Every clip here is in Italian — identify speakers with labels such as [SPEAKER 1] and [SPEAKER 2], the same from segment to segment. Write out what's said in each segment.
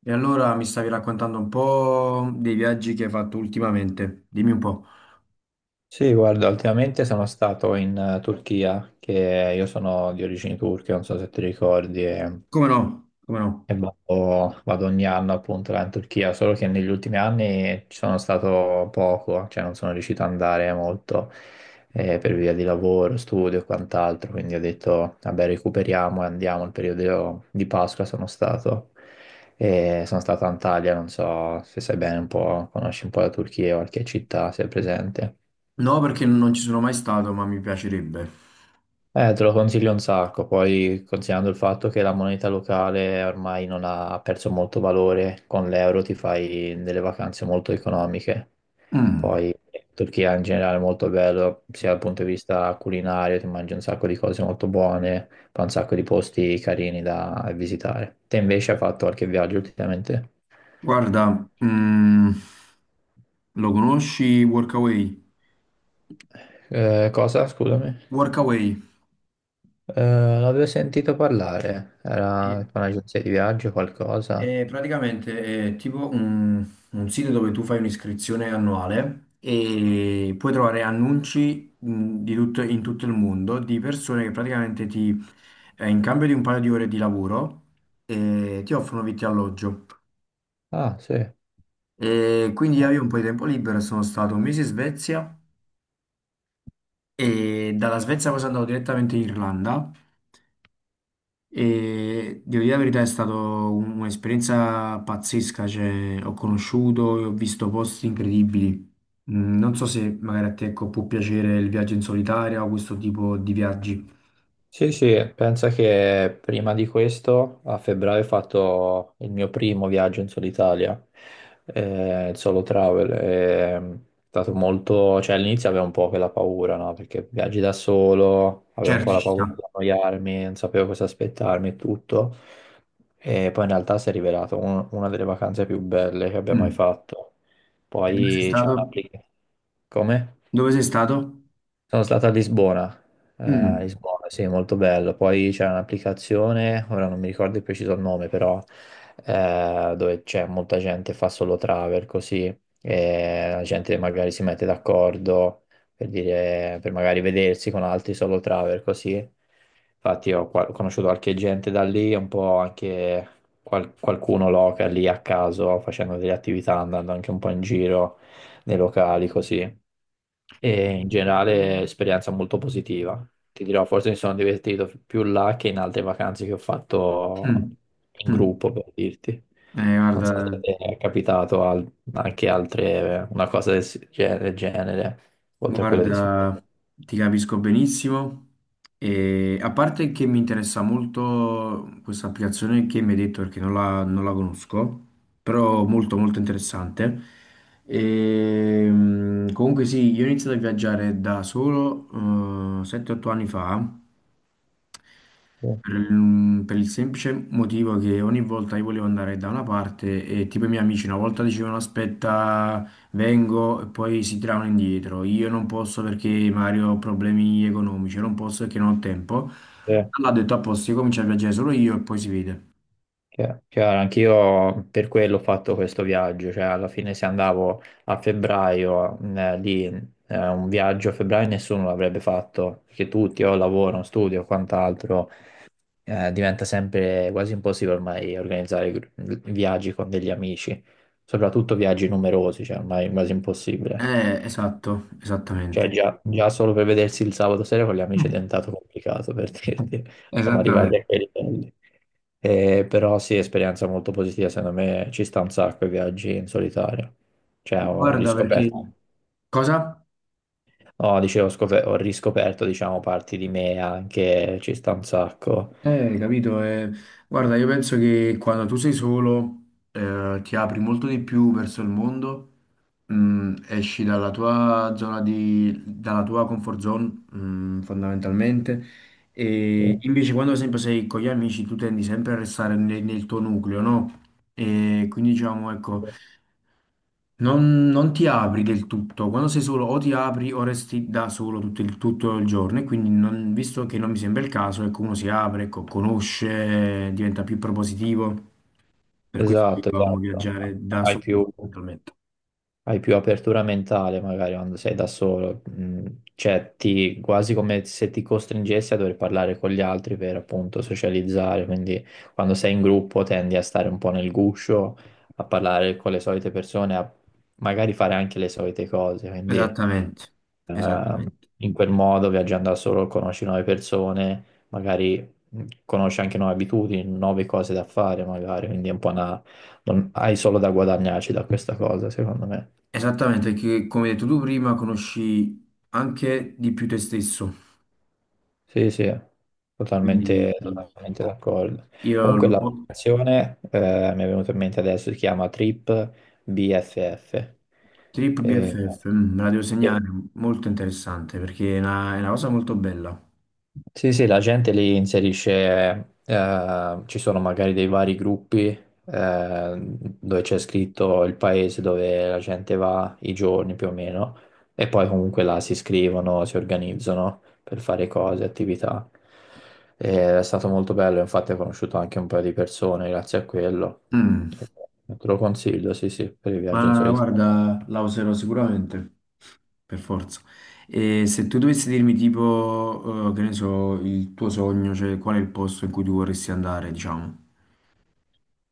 [SPEAKER 1] E allora mi stavi raccontando un po' dei viaggi che hai fatto ultimamente. Dimmi un po'.
[SPEAKER 2] Sì, guarda, ultimamente sono stato in Turchia, che io sono di origini turche, non so se ti ricordi, e,
[SPEAKER 1] Come no? Come no?
[SPEAKER 2] e vado ogni anno appunto là in Turchia, solo che negli ultimi anni ci sono stato poco, cioè non sono riuscito ad andare molto per via di lavoro, studio e quant'altro, quindi ho detto, vabbè, recuperiamo e andiamo, il periodo di Pasqua sono stato. E sono stato a Antalya, non so se sai bene un po', conosci un po' la Turchia, qualche città, se è presente.
[SPEAKER 1] No, perché non ci sono mai stato, ma mi piacerebbe.
[SPEAKER 2] Te lo consiglio un sacco, poi considerando il fatto che la moneta locale ormai non ha perso molto valore, con l'euro ti fai delle vacanze molto economiche.
[SPEAKER 1] Mm.
[SPEAKER 2] Poi Turchia in generale è molto bello, sia dal punto di vista culinario, ti mangi un sacco di cose molto buone, poi un sacco di posti carini da visitare. Te invece hai fatto qualche viaggio ultimamente?
[SPEAKER 1] Guarda, lo conosci Workaway?
[SPEAKER 2] Cosa? Scusami.
[SPEAKER 1] Workaway.
[SPEAKER 2] Eh, l'avevo sentito parlare, era
[SPEAKER 1] Sì.
[SPEAKER 2] con un'agenzia di viaggio o qualcosa?
[SPEAKER 1] È praticamente è tipo un sito dove tu fai un'iscrizione annuale e puoi trovare annunci, in tutto il mondo di persone che praticamente in cambio di un paio di ore di lavoro, ti offrono vitto e alloggio.
[SPEAKER 2] Ah, sì.
[SPEAKER 1] E quindi io avevo un po' di tempo libero e sono stato un mese in Svezia e dalla Svezia poi sono andato direttamente in Irlanda. E devo dire la verità, è stata un'esperienza pazzesca, cioè, ho conosciuto e ho visto posti incredibili. Non so se magari a te, ecco, può piacere il viaggio in solitaria o questo tipo di viaggi.
[SPEAKER 2] Sì, sì, pensa che prima di questo, a febbraio, ho fatto il mio primo viaggio in solo Italia, il solo travel. È stato molto, cioè all'inizio avevo un po' quella paura, no? Perché viaggi da solo, avevo un po'
[SPEAKER 1] Certo,
[SPEAKER 2] la
[SPEAKER 1] ci sta.
[SPEAKER 2] paura di annoiarmi, non sapevo cosa aspettarmi e tutto. E poi in realtà si è rivelato una delle vacanze più belle che abbia mai
[SPEAKER 1] Mm.
[SPEAKER 2] fatto.
[SPEAKER 1] E dove sei
[SPEAKER 2] Poi c'è
[SPEAKER 1] stato?
[SPEAKER 2] un'applicazione. Come?
[SPEAKER 1] Dove sei stato?
[SPEAKER 2] Sono stato a
[SPEAKER 1] Mm.
[SPEAKER 2] Lisbona, sì, molto bello. Poi c'è un'applicazione, ora non mi ricordo il preciso nome, però dove c'è molta gente che fa solo travel così, e la gente magari si mette d'accordo per dire, per magari vedersi con altri solo travel così. Infatti ho conosciuto qualche gente da lì, un po' anche qualcuno local lì a caso, facendo delle attività, andando anche un po' in giro nei locali così e in generale esperienza molto positiva. Ti dirò, forse mi sono divertito più là che in altre vacanze che ho fatto
[SPEAKER 1] Mm.
[SPEAKER 2] in
[SPEAKER 1] Mm.
[SPEAKER 2] gruppo, per dirti. Non so se
[SPEAKER 1] Guarda.
[SPEAKER 2] ti è capitato anche altre, una cosa del, del genere, oltre a quella di Svezia.
[SPEAKER 1] Guarda, ti capisco benissimo e a parte che mi interessa molto questa applicazione che mi hai detto perché non la conosco, però molto molto interessante. E, comunque sì, io ho iniziato a viaggiare da solo, 7-8 anni fa per il semplice motivo che ogni volta io volevo andare da una parte e tipo i miei amici una volta dicevano aspetta, vengo e poi si tiravano indietro. Io non posso perché Mario, ho problemi economici, io non posso perché non ho tempo.
[SPEAKER 2] Sì.
[SPEAKER 1] Allora ho detto a posto, io comincio a viaggiare solo io e poi si vede.
[SPEAKER 2] Chiaro, anch'io per quello ho fatto questo viaggio, cioè alla fine se andavo a febbraio lì, un viaggio a febbraio nessuno l'avrebbe fatto, perché tutti o lavoro, studio, quant'altro diventa sempre quasi impossibile ormai organizzare viaggi con degli amici, soprattutto viaggi numerosi, cioè ormai è quasi impossibile.
[SPEAKER 1] Esatto,
[SPEAKER 2] Cioè
[SPEAKER 1] esattamente.
[SPEAKER 2] già solo per vedersi il sabato sera con gli amici è diventato complicato per dirti, siamo arrivati
[SPEAKER 1] Esattamente.
[SPEAKER 2] a quei livelli. Però sì, esperienza molto positiva, secondo me ci sta un sacco i viaggi in solitario. Cioè ho
[SPEAKER 1] Guarda, perché
[SPEAKER 2] riscoperto,
[SPEAKER 1] cosa?
[SPEAKER 2] no, dicevo, ho riscoperto diciamo parti di me anche, ci sta un sacco.
[SPEAKER 1] Capito? Guarda, io penso che quando tu sei solo, ti apri molto di più verso il mondo, esci dalla tua comfort zone, fondamentalmente, e invece quando sempre sei con gli amici tu tendi sempre a restare nel tuo nucleo, no? E quindi diciamo, ecco, non ti apri del tutto, quando sei solo o ti apri o resti da solo tutto il giorno e quindi visto che non mi sembra il caso, ecco, uno si apre, ecco, conosce, diventa più propositivo, per questo
[SPEAKER 2] Esatto,
[SPEAKER 1] dovevamo
[SPEAKER 2] esatto.
[SPEAKER 1] viaggiare da
[SPEAKER 2] Hai
[SPEAKER 1] solo
[SPEAKER 2] più,
[SPEAKER 1] fondamentalmente.
[SPEAKER 2] hai più apertura mentale magari quando sei da solo, mm, cioè ti, quasi come se ti costringessi a dover parlare con gli altri per appunto socializzare, quindi quando sei in gruppo tendi a stare un po' nel guscio, a parlare con le solite persone, a magari fare anche le solite cose, quindi
[SPEAKER 1] Esattamente,
[SPEAKER 2] Ehm,
[SPEAKER 1] esattamente,
[SPEAKER 2] in quel modo, viaggiando da solo, conosci nuove persone, magari conosci anche nuove abitudini, nuove cose da fare, magari, quindi è un po' una... non- hai solo da guadagnarci da questa cosa, secondo me.
[SPEAKER 1] esattamente, perché come hai detto tu prima conosci anche di più te stesso,
[SPEAKER 2] Sì, sì,
[SPEAKER 1] quindi
[SPEAKER 2] totalmente, totalmente d'accordo.
[SPEAKER 1] io
[SPEAKER 2] Comunque
[SPEAKER 1] lo-
[SPEAKER 2] l'applicazione, mi è venuta in mente adesso, si chiama Trip BFF.
[SPEAKER 1] Trip
[SPEAKER 2] Eh,
[SPEAKER 1] BFF, me la devo
[SPEAKER 2] sì.
[SPEAKER 1] segnare, molto interessante perché è una cosa molto bella.
[SPEAKER 2] Sì, sì, la gente li inserisce, ci sono magari dei vari gruppi dove c'è scritto il paese dove la gente va, i giorni più o meno, e poi comunque là si iscrivono, si organizzano per fare cose, attività. E è stato molto bello, infatti ho conosciuto anche un paio di persone grazie a quello.
[SPEAKER 1] Mm.
[SPEAKER 2] E te lo consiglio, sì, sì, per i viaggi in
[SPEAKER 1] Ma
[SPEAKER 2] solitario.
[SPEAKER 1] guarda, la userò sicuramente, per forza. E se tu dovessi dirmi tipo, che ne so, il tuo sogno, cioè qual è il posto in cui tu vorresti andare, diciamo.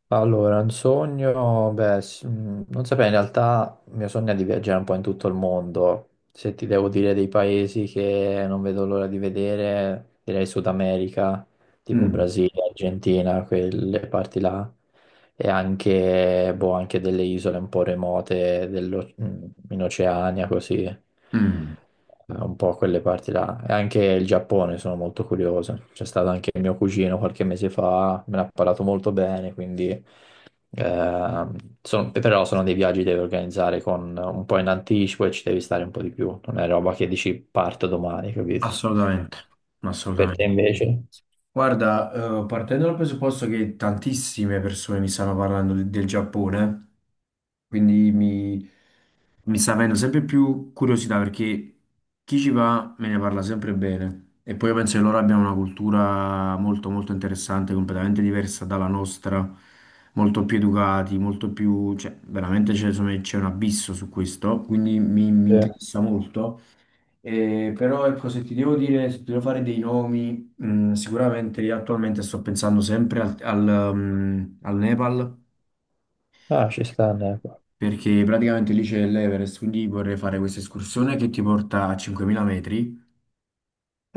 [SPEAKER 2] Allora, un sogno, beh, non saprei, in realtà il mio sogno è di viaggiare un po' in tutto il mondo. Se ti devo dire dei paesi che non vedo l'ora di vedere, direi Sud America, tipo
[SPEAKER 1] Mm,
[SPEAKER 2] Brasile, Argentina, quelle parti là, e anche, boh, anche delle isole un po' remote in Oceania, così,
[SPEAKER 1] mm,
[SPEAKER 2] un po' quelle parti là. E anche il Giappone sono molto curioso. C'è stato anche il mio cugino qualche mese fa, me ne ha parlato molto bene, quindi... ehm, sono- però sono dei viaggi che devi organizzare con un po' in anticipo e ci devi stare un po' di più. Non è roba che dici parto domani, capito?
[SPEAKER 1] Assolutamente,
[SPEAKER 2] Per te
[SPEAKER 1] assolutamente.
[SPEAKER 2] invece?
[SPEAKER 1] Guarda, partendo dal presupposto che tantissime persone mi stanno parlando del Giappone, quindi mi sta avendo sempre più curiosità perché chi ci va me ne parla sempre bene. E poi io penso che loro abbiano una cultura molto molto interessante, completamente diversa dalla nostra, molto più educati, molto più, cioè, veramente c'è insomma, c'è un abisso su questo, quindi mi
[SPEAKER 2] Sì.
[SPEAKER 1] interessa molto. Però ecco, se ti devo dire, se ti devo fare dei nomi, sicuramente io attualmente sto pensando sempre al Nepal
[SPEAKER 2] Ah, ci sta. Neco.
[SPEAKER 1] perché praticamente lì c'è l'Everest, quindi vorrei fare questa escursione che ti porta a 5.000 metri.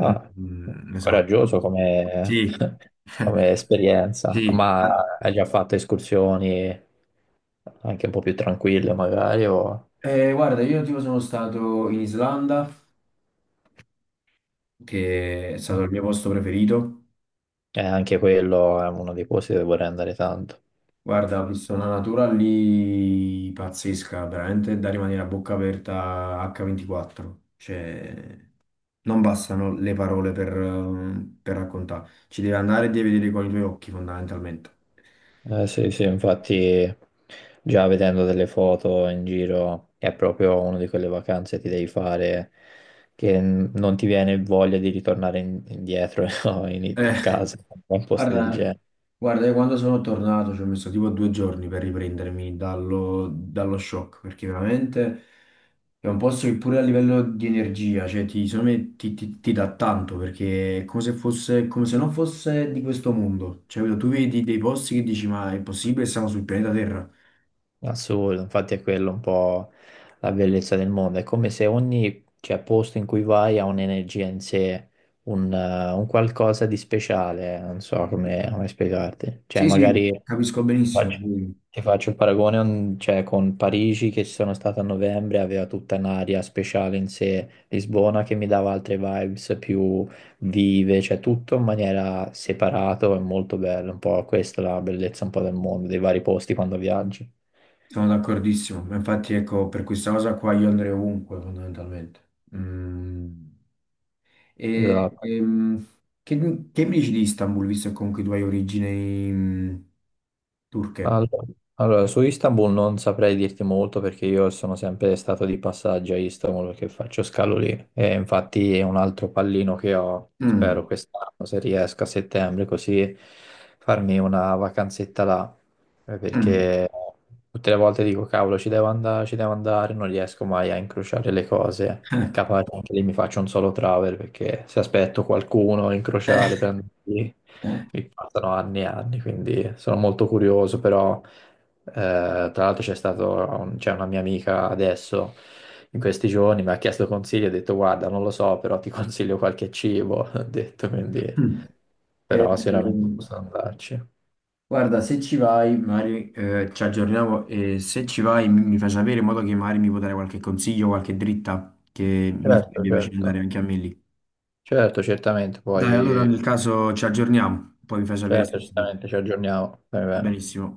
[SPEAKER 1] Mm, mm, esatto.
[SPEAKER 2] coraggioso come,
[SPEAKER 1] Sì,
[SPEAKER 2] come esperienza,
[SPEAKER 1] sì.
[SPEAKER 2] ma hai già fatto escursioni anche un po' più tranquille magari o...
[SPEAKER 1] Guarda, io tipo sono stato in Islanda, che è stato
[SPEAKER 2] Eh,
[SPEAKER 1] il mio posto preferito.
[SPEAKER 2] anche quello è uno dei posti dove vorrei andare tanto.
[SPEAKER 1] Guarda, ho visto una natura lì pazzesca, veramente da rimanere a bocca aperta H24. Cioè, non bastano le parole per raccontare. Ci devi andare e devi vedere con i tuoi occhi, fondamentalmente.
[SPEAKER 2] Sì, sì, infatti già vedendo delle foto in giro è proprio una di quelle vacanze che ti devi fare che non ti viene voglia di ritornare indietro no, in-
[SPEAKER 1] Eh,
[SPEAKER 2] a casa a posti del
[SPEAKER 1] Guarda,
[SPEAKER 2] genere.
[SPEAKER 1] guarda, io quando sono tornato ci ho messo tipo 2 giorni per riprendermi dallo shock, perché veramente è un posto che pure a livello di energia, cioè secondo me ti dà tanto, perché è come se fosse, come se non fosse di questo mondo. Cioè, capito? Tu vedi dei posti che dici, ma è possibile, siamo sul pianeta Terra?
[SPEAKER 2] Assurdo, infatti è quello un po' la bellezza del mondo, è come se ogni, cioè, posto in cui vai ha un'energia in sé, un qualcosa di speciale, non so come, come spiegarti, cioè
[SPEAKER 1] Sì, sì,
[SPEAKER 2] magari
[SPEAKER 1] capisco
[SPEAKER 2] ti
[SPEAKER 1] benissimo,
[SPEAKER 2] faccio,
[SPEAKER 1] quindi
[SPEAKER 2] ti faccio il paragone un- cioè, con Parigi che ci sono stato a novembre, aveva tutta un'aria speciale in sé, Lisbona che mi dava altre vibes più vive, cioè tutto in maniera separato e molto bello, un po' questa è la bellezza un po' del mondo, dei vari posti quando viaggi.
[SPEAKER 1] sono d'accordissimo. Ma infatti, ecco, per questa cosa qua io andrei ovunque, fondamentalmente. Mm. E,
[SPEAKER 2] Esatto.
[SPEAKER 1] che mi dici di Istanbul, visto che comunque tu hai origini, turche?
[SPEAKER 2] All- Allora, su Istanbul non saprei dirti molto perché io sono sempre stato di passaggio a Istanbul perché faccio scalo lì e infatti è un altro pallino che ho, spero
[SPEAKER 1] Mm,
[SPEAKER 2] quest'anno, se riesco a settembre, così farmi una vacanzetta là.
[SPEAKER 1] mm.
[SPEAKER 2] Perché tutte le volte dico cavolo ci devo andare, non riesco mai a incrociare le cose. Capace anche lì mi faccio un solo travel perché se aspetto qualcuno in crociale per andarci, mi passano anni e anni, quindi sono molto curioso, però tra l'altro c'è stato un- c'è una mia amica adesso in questi giorni, mi ha chiesto consigli, ho detto guarda non lo so, però ti consiglio qualche cibo, ho detto quindi
[SPEAKER 1] Mm.
[SPEAKER 2] però sicuramente
[SPEAKER 1] Ehm,
[SPEAKER 2] posso andarci.
[SPEAKER 1] Guarda, se ci vai, magari, ci aggiorniamo e se ci vai mi fai sapere in modo che magari mi puoi dare qualche consiglio, qualche dritta che mi
[SPEAKER 2] Certo,
[SPEAKER 1] farebbe piacere andare
[SPEAKER 2] certo,
[SPEAKER 1] anche a me lì.
[SPEAKER 2] certo, certamente,
[SPEAKER 1] Dai, allora
[SPEAKER 2] poi
[SPEAKER 1] nel caso ci aggiorniamo, poi mi fai sapere se
[SPEAKER 2] certo,
[SPEAKER 1] sei tu.
[SPEAKER 2] certamente ci aggiorniamo, va
[SPEAKER 1] Va
[SPEAKER 2] bene.
[SPEAKER 1] benissimo.